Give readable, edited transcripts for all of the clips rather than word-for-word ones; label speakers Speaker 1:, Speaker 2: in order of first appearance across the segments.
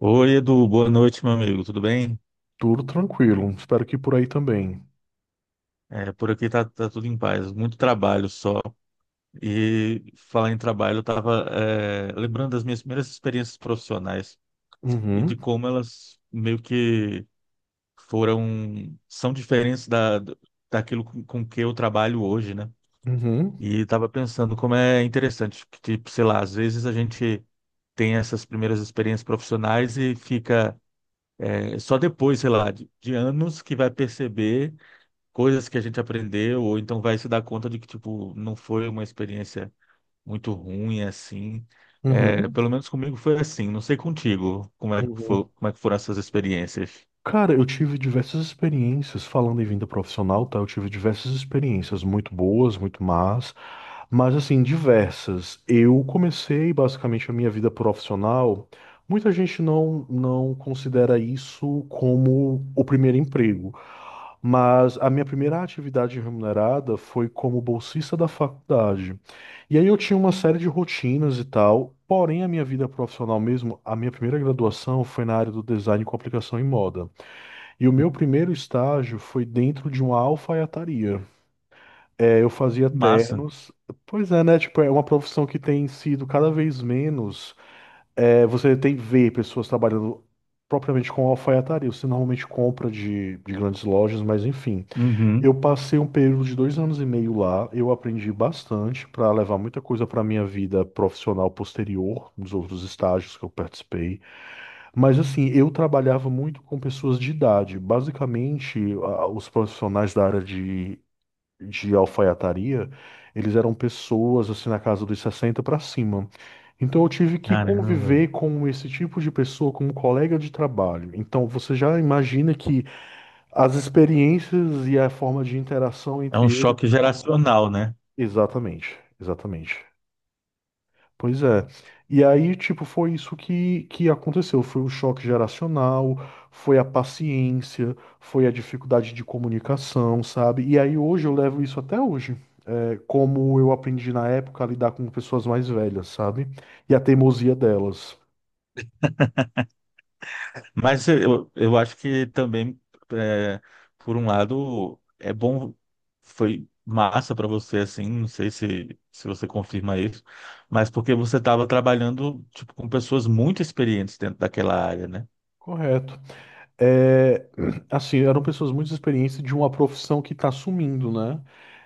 Speaker 1: Oi, Edu, boa noite, meu amigo. Tudo bem?
Speaker 2: Tudo tranquilo. Espero que por aí também.
Speaker 1: É, por aqui tá tudo em paz, muito trabalho só. E falar em trabalho, eu tava, lembrando das minhas primeiras experiências profissionais e de
Speaker 2: Uhum.
Speaker 1: como elas meio que foram, são diferentes daquilo com que eu trabalho hoje, né?
Speaker 2: Uhum.
Speaker 1: E tava pensando como é interessante que, tipo, sei lá, às vezes a gente tem essas primeiras experiências profissionais e fica, só depois, sei lá, de anos que vai perceber coisas que a gente aprendeu, ou então vai se dar conta de que, tipo, não foi uma experiência muito ruim, assim. É,
Speaker 2: Uhum.
Speaker 1: pelo menos comigo foi assim. Não sei contigo como é que foi,
Speaker 2: Uhum.
Speaker 1: como é que foram essas experiências.
Speaker 2: Cara, eu tive diversas experiências, falando em vinda profissional, tá? Eu tive diversas experiências muito boas, muito más. Mas assim, diversas. Eu comecei basicamente a minha vida profissional. Muita gente não considera isso como o primeiro emprego. Mas a minha primeira atividade remunerada foi como bolsista da faculdade. E aí eu tinha uma série de rotinas e tal. Porém, a minha vida profissional mesmo, a minha primeira graduação foi na área do design com aplicação em moda. E o meu primeiro estágio foi dentro de uma alfaiataria. Eu fazia
Speaker 1: Massa.
Speaker 2: ternos. Pois é, né? Tipo, é uma profissão que tem sido cada vez menos. É, você tem ver pessoas trabalhando propriamente com alfaiataria. Você normalmente compra de grandes lojas, mas enfim.
Speaker 1: Uhum.
Speaker 2: Eu passei um período de dois anos e meio lá. Eu aprendi bastante para levar muita coisa para minha vida profissional posterior, nos outros estágios que eu participei. Mas assim, eu trabalhava muito com pessoas de idade. Basicamente, os profissionais da área de alfaiataria, eles eram pessoas assim na casa dos 60 para cima. Então eu tive que
Speaker 1: Caramba.
Speaker 2: conviver com esse tipo de pessoa como colega de trabalho. Então você já imagina que as experiências e a forma de interação
Speaker 1: É
Speaker 2: entre
Speaker 1: um
Speaker 2: eles.
Speaker 1: choque geracional, né?
Speaker 2: Exatamente, exatamente. Pois é. E aí, tipo, foi isso que aconteceu. Foi o choque geracional, foi a paciência, foi a dificuldade de comunicação, sabe? E aí hoje eu levo isso até hoje. Como eu aprendi na época a lidar com pessoas mais velhas, sabe? E a teimosia delas.
Speaker 1: Mas eu acho que também, é, por um lado, é bom, foi massa para você, assim, não sei se você confirma isso, mas porque você estava trabalhando, tipo, com pessoas muito experientes dentro daquela área, né?
Speaker 2: Correto. É, assim, eram pessoas muito experientes de uma profissão que está sumindo, né?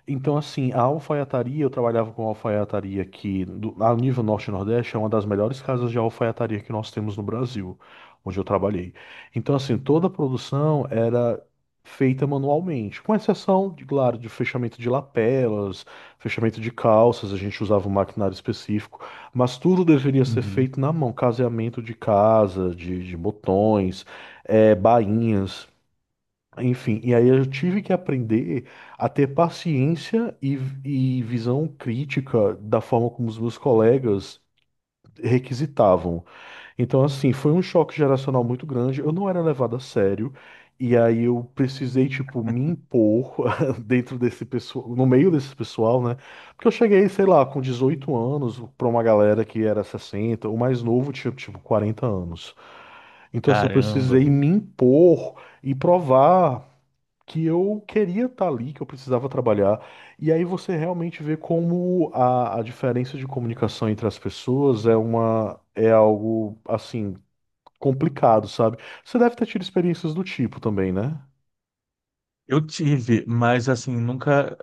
Speaker 2: Então, assim, a alfaiataria, eu trabalhava com alfaiataria aqui do, a nível norte-nordeste, é uma das melhores casas de alfaiataria que nós temos no Brasil, onde eu trabalhei. Então, assim, toda a produção era feita manualmente, com exceção, de, claro, de fechamento de lapelas, fechamento de calças, a gente usava um maquinário específico. Mas tudo deveria ser
Speaker 1: Uhum.
Speaker 2: feito na mão, caseamento de casa, de botões, bainhas, enfim. E aí eu tive que aprender a ter paciência e visão crítica da forma como os meus colegas requisitavam. Então, assim, foi um choque geracional muito grande. Eu não era levado a sério. E aí eu precisei, tipo, me impor dentro desse pessoal, no meio desse pessoal, né? Porque eu cheguei, sei lá, com 18 anos pra uma galera que era 60, o mais novo tinha, tipo, 40 anos. Então, assim, eu
Speaker 1: Caramba!
Speaker 2: precisei me impor e provar que eu queria estar ali, que eu precisava trabalhar. E aí você realmente vê como a diferença de comunicação entre as pessoas é uma é algo assim complicado, sabe? Você deve ter tido experiências do tipo também, né?
Speaker 1: Eu tive, mas, assim, nunca,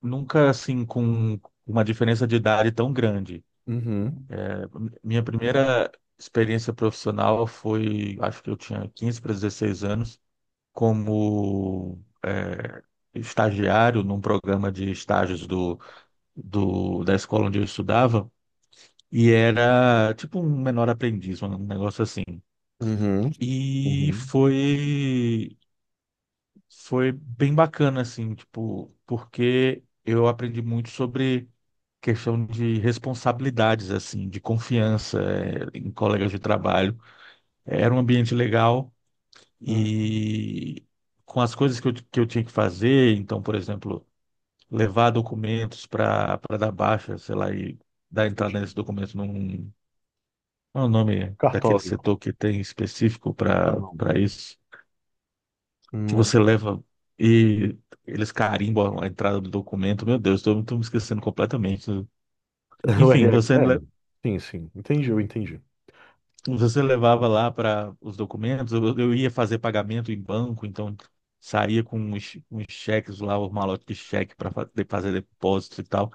Speaker 1: nunca, assim, com uma diferença de idade tão grande.
Speaker 2: Uhum.
Speaker 1: É, minha primeira experiência profissional foi, acho que eu tinha 15 para 16 anos, como é, estagiário num programa de estágios da escola onde eu estudava, e era tipo um menor aprendiz, um negócio assim.
Speaker 2: Uhum.
Speaker 1: E
Speaker 2: Uhum.
Speaker 1: foi bem bacana, assim, tipo, porque eu aprendi muito sobre questão de responsabilidades, assim, de confiança, em colegas de trabalho. Era um ambiente legal
Speaker 2: Uhum.
Speaker 1: e com as coisas que que eu tinha que fazer, então, por exemplo, levar documentos para dar baixa, sei lá, e dar entrada
Speaker 2: Entendi.
Speaker 1: nesse documento num. Qual é o nome daquele
Speaker 2: Cartório.
Speaker 1: setor que tem específico
Speaker 2: Ah,
Speaker 1: para
Speaker 2: não.
Speaker 1: para isso? Que
Speaker 2: Não.
Speaker 1: você leva e eles carimbam a entrada do documento. Meu Deus, estou me esquecendo completamente.
Speaker 2: O
Speaker 1: Enfim,
Speaker 2: RH. É. Sim, sim. Entendi, eu entendi.
Speaker 1: você levava lá para os documentos, eu ia fazer pagamento em banco, então saía com uns cheques lá, o malote de cheque para fazer depósito e tal.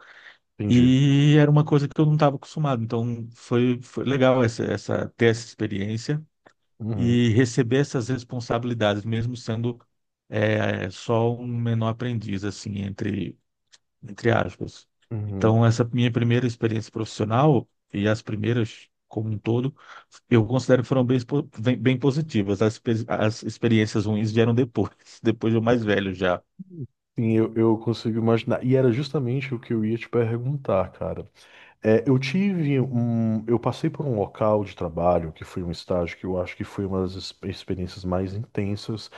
Speaker 2: Entendi.
Speaker 1: E era uma coisa que eu não estava acostumado. Então foi legal ter essa experiência
Speaker 2: Uhum.
Speaker 1: e receber essas responsabilidades, mesmo sendo só um menor aprendiz, assim, entre aspas.
Speaker 2: Uhum.
Speaker 1: Então, essa minha primeira experiência profissional e as primeiras como um todo, eu considero que foram bem positivas. As experiências ruins vieram depois, depois de eu mais velho já.
Speaker 2: Sim, eu consigo imaginar. E era justamente o que eu ia te perguntar, cara. É, eu tive um. Eu passei por um local de trabalho que foi um estágio que eu acho que foi uma das experiências mais intensas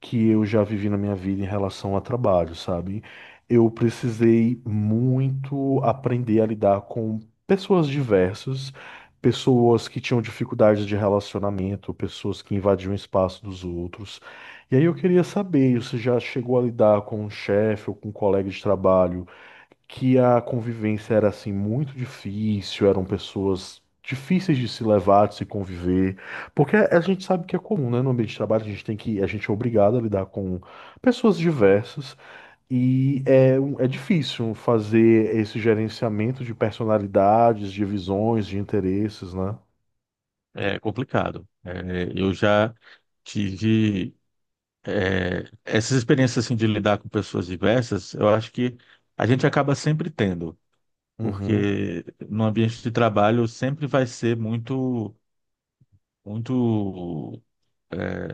Speaker 2: que eu já vivi na minha vida em relação a trabalho, sabe? Eu precisei muito aprender a lidar com pessoas diversas, pessoas que tinham dificuldades de relacionamento, pessoas que invadiam o espaço dos outros. E aí eu queria saber, você já chegou a lidar com um chefe ou com um colega de trabalho? Que a convivência era assim muito difícil, eram pessoas difíceis de se levar, de se conviver, porque a gente sabe que é comum, né, no ambiente de trabalho, a gente tem que, a gente é obrigado a lidar com pessoas diversas e é difícil fazer esse gerenciamento de personalidades, de visões, de interesses, né?
Speaker 1: É complicado. É, eu já tive. É, essas experiências assim de lidar com pessoas diversas, eu acho que a gente acaba sempre tendo,
Speaker 2: Uhum.
Speaker 1: porque no ambiente de trabalho sempre vai ser muito muito, é,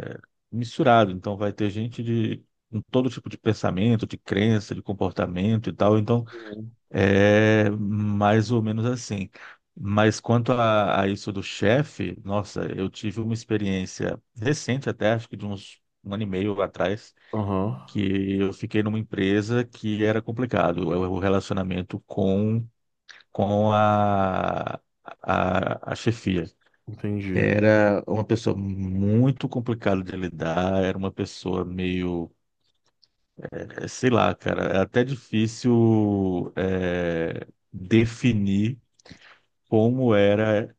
Speaker 1: misturado, então vai ter gente de com todo tipo de pensamento, de crença, de comportamento e tal, então
Speaker 2: Uhum.
Speaker 1: é mais ou menos assim. Mas quanto a isso do chefe, nossa, eu tive uma experiência recente até, acho que de uns um ano e meio atrás
Speaker 2: Aham.
Speaker 1: que eu fiquei numa empresa que era complicado, o relacionamento com a chefia.
Speaker 2: Entendi.
Speaker 1: Era uma pessoa muito complicada de lidar, era uma pessoa meio, sei lá, cara, era até difícil definir como era,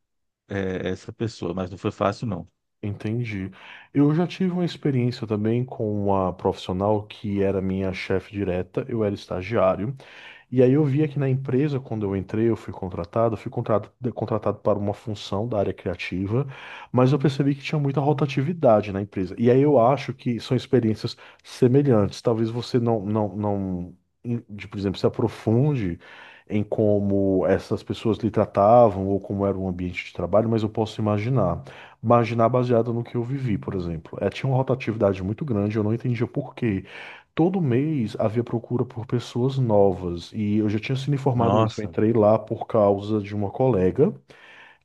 Speaker 1: essa pessoa, mas não foi fácil, não.
Speaker 2: Entendi. Eu já tive uma experiência também com uma profissional que era minha chefe direta, eu era estagiário. E aí eu via que na empresa, quando eu entrei, eu fui contratado, contratado para uma função da área criativa, mas eu percebi que tinha muita rotatividade na empresa. E aí eu acho que são experiências semelhantes. Talvez você não, por exemplo, se aprofunde em como essas pessoas lhe tratavam ou como era o ambiente de trabalho, mas eu posso imaginar. Imaginar baseado no que eu vivi, por exemplo. É, tinha uma rotatividade muito grande, eu não entendia por quê. Todo mês havia procura por pessoas novas e eu já tinha sido informado isso. Eu
Speaker 1: Nossa,
Speaker 2: entrei lá por causa de uma colega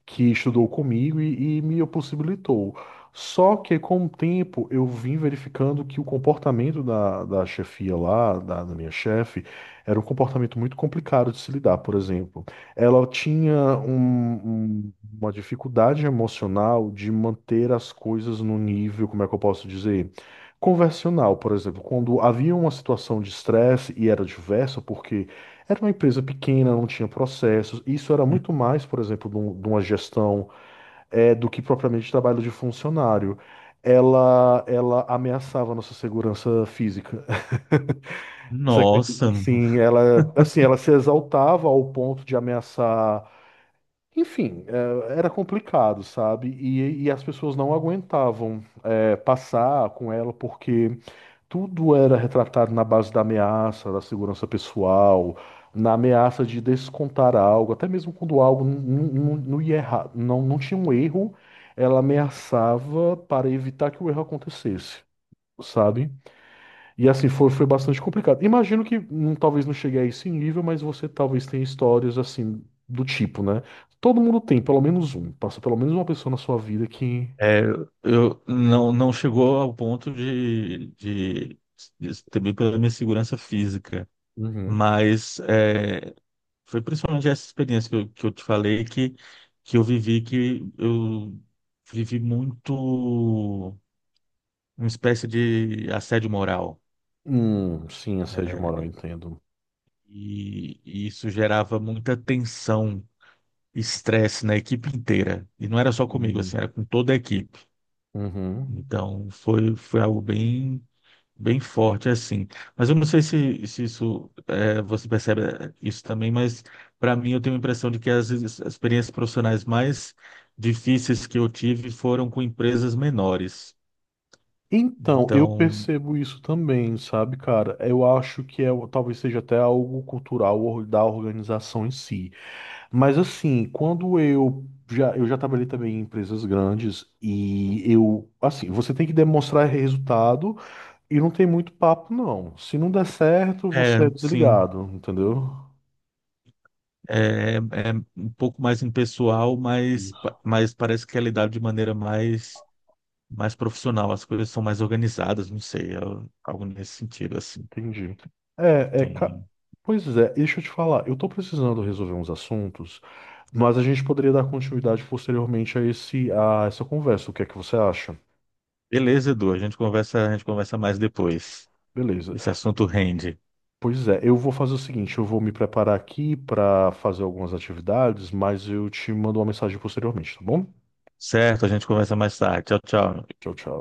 Speaker 2: que estudou comigo e me possibilitou. Só que com o tempo eu vim verificando que o comportamento da chefia lá, da minha chefe, era um comportamento muito complicado de se lidar, por exemplo. Ela tinha um- uma dificuldade emocional de manter as coisas no nível, como é que eu posso dizer? Conversional, por exemplo, quando havia uma situação de estresse e era diversa, porque era uma empresa pequena, não tinha processos. Isso era
Speaker 1: n-
Speaker 2: muito mais, por exemplo, de uma gestão do que propriamente trabalho de funcionário. Ela ameaçava a nossa segurança física. Você acredita?
Speaker 1: nossa.
Speaker 2: Sim, ela, assim, ela se exaltava ao ponto de ameaçar. Enfim, era complicado, sabe? E as pessoas não aguentavam passar com ela porque tudo era retratado na base da ameaça, da segurança pessoal, na ameaça de descontar algo, até mesmo quando algo não ia errar, não tinha um erro, ela ameaçava para evitar que o erro acontecesse, sabe? E assim, foi, foi bastante complicado. Imagino que talvez não chegue a esse nível, mas você talvez tenha histórias assim, do tipo, né? Todo mundo tem, pelo menos um. Passa pelo menos uma pessoa na sua vida que.
Speaker 1: É, eu não, não chegou ao ponto de, também pela minha segurança física,
Speaker 2: Uhum.
Speaker 1: mas foi principalmente essa experiência que que eu te falei, que eu vivi, que eu vivi muito uma espécie de assédio moral.
Speaker 2: Sim, assédio moral,
Speaker 1: É,
Speaker 2: entendo.
Speaker 1: e isso gerava muita tensão, estresse na equipe inteira. E não era só comigo, assim,
Speaker 2: Hum.
Speaker 1: era com toda a equipe.
Speaker 2: Uhum.
Speaker 1: Então foi algo bem forte, assim. Mas eu não sei se isso você percebe, isso também, mas para mim eu tenho a impressão de que as experiências profissionais mais difíceis que eu tive foram com empresas menores.
Speaker 2: Então, eu
Speaker 1: Então,
Speaker 2: percebo isso também, sabe, cara? Eu acho que é, talvez seja até algo cultural da organização em si. Mas assim, quando eu já trabalhei também em empresas grandes e eu, assim, você tem que demonstrar resultado e não tem muito papo, não. Se não der certo,
Speaker 1: é,
Speaker 2: você é
Speaker 1: sim,
Speaker 2: desligado, entendeu?
Speaker 1: é um pouco mais impessoal, mas, mas parece que é lidado de maneira mais profissional. As coisas são mais organizadas, não sei, é algo nesse sentido, assim.
Speaker 2: Entendi. É, é. ca-
Speaker 1: Tem...
Speaker 2: Pois é, deixa eu te falar. Eu tô precisando resolver uns assuntos, mas a gente poderia dar continuidade posteriormente a esse, a essa conversa. O que é que você acha?
Speaker 1: Beleza, Edu, a gente conversa mais depois.
Speaker 2: Beleza.
Speaker 1: Esse assunto rende.
Speaker 2: Pois é, eu vou fazer o seguinte, eu vou me preparar aqui para fazer algumas atividades, mas eu te mando uma mensagem posteriormente, tá bom?
Speaker 1: Certo, a gente conversa mais tarde. Tchau, tchau.
Speaker 2: Tchau, tchau.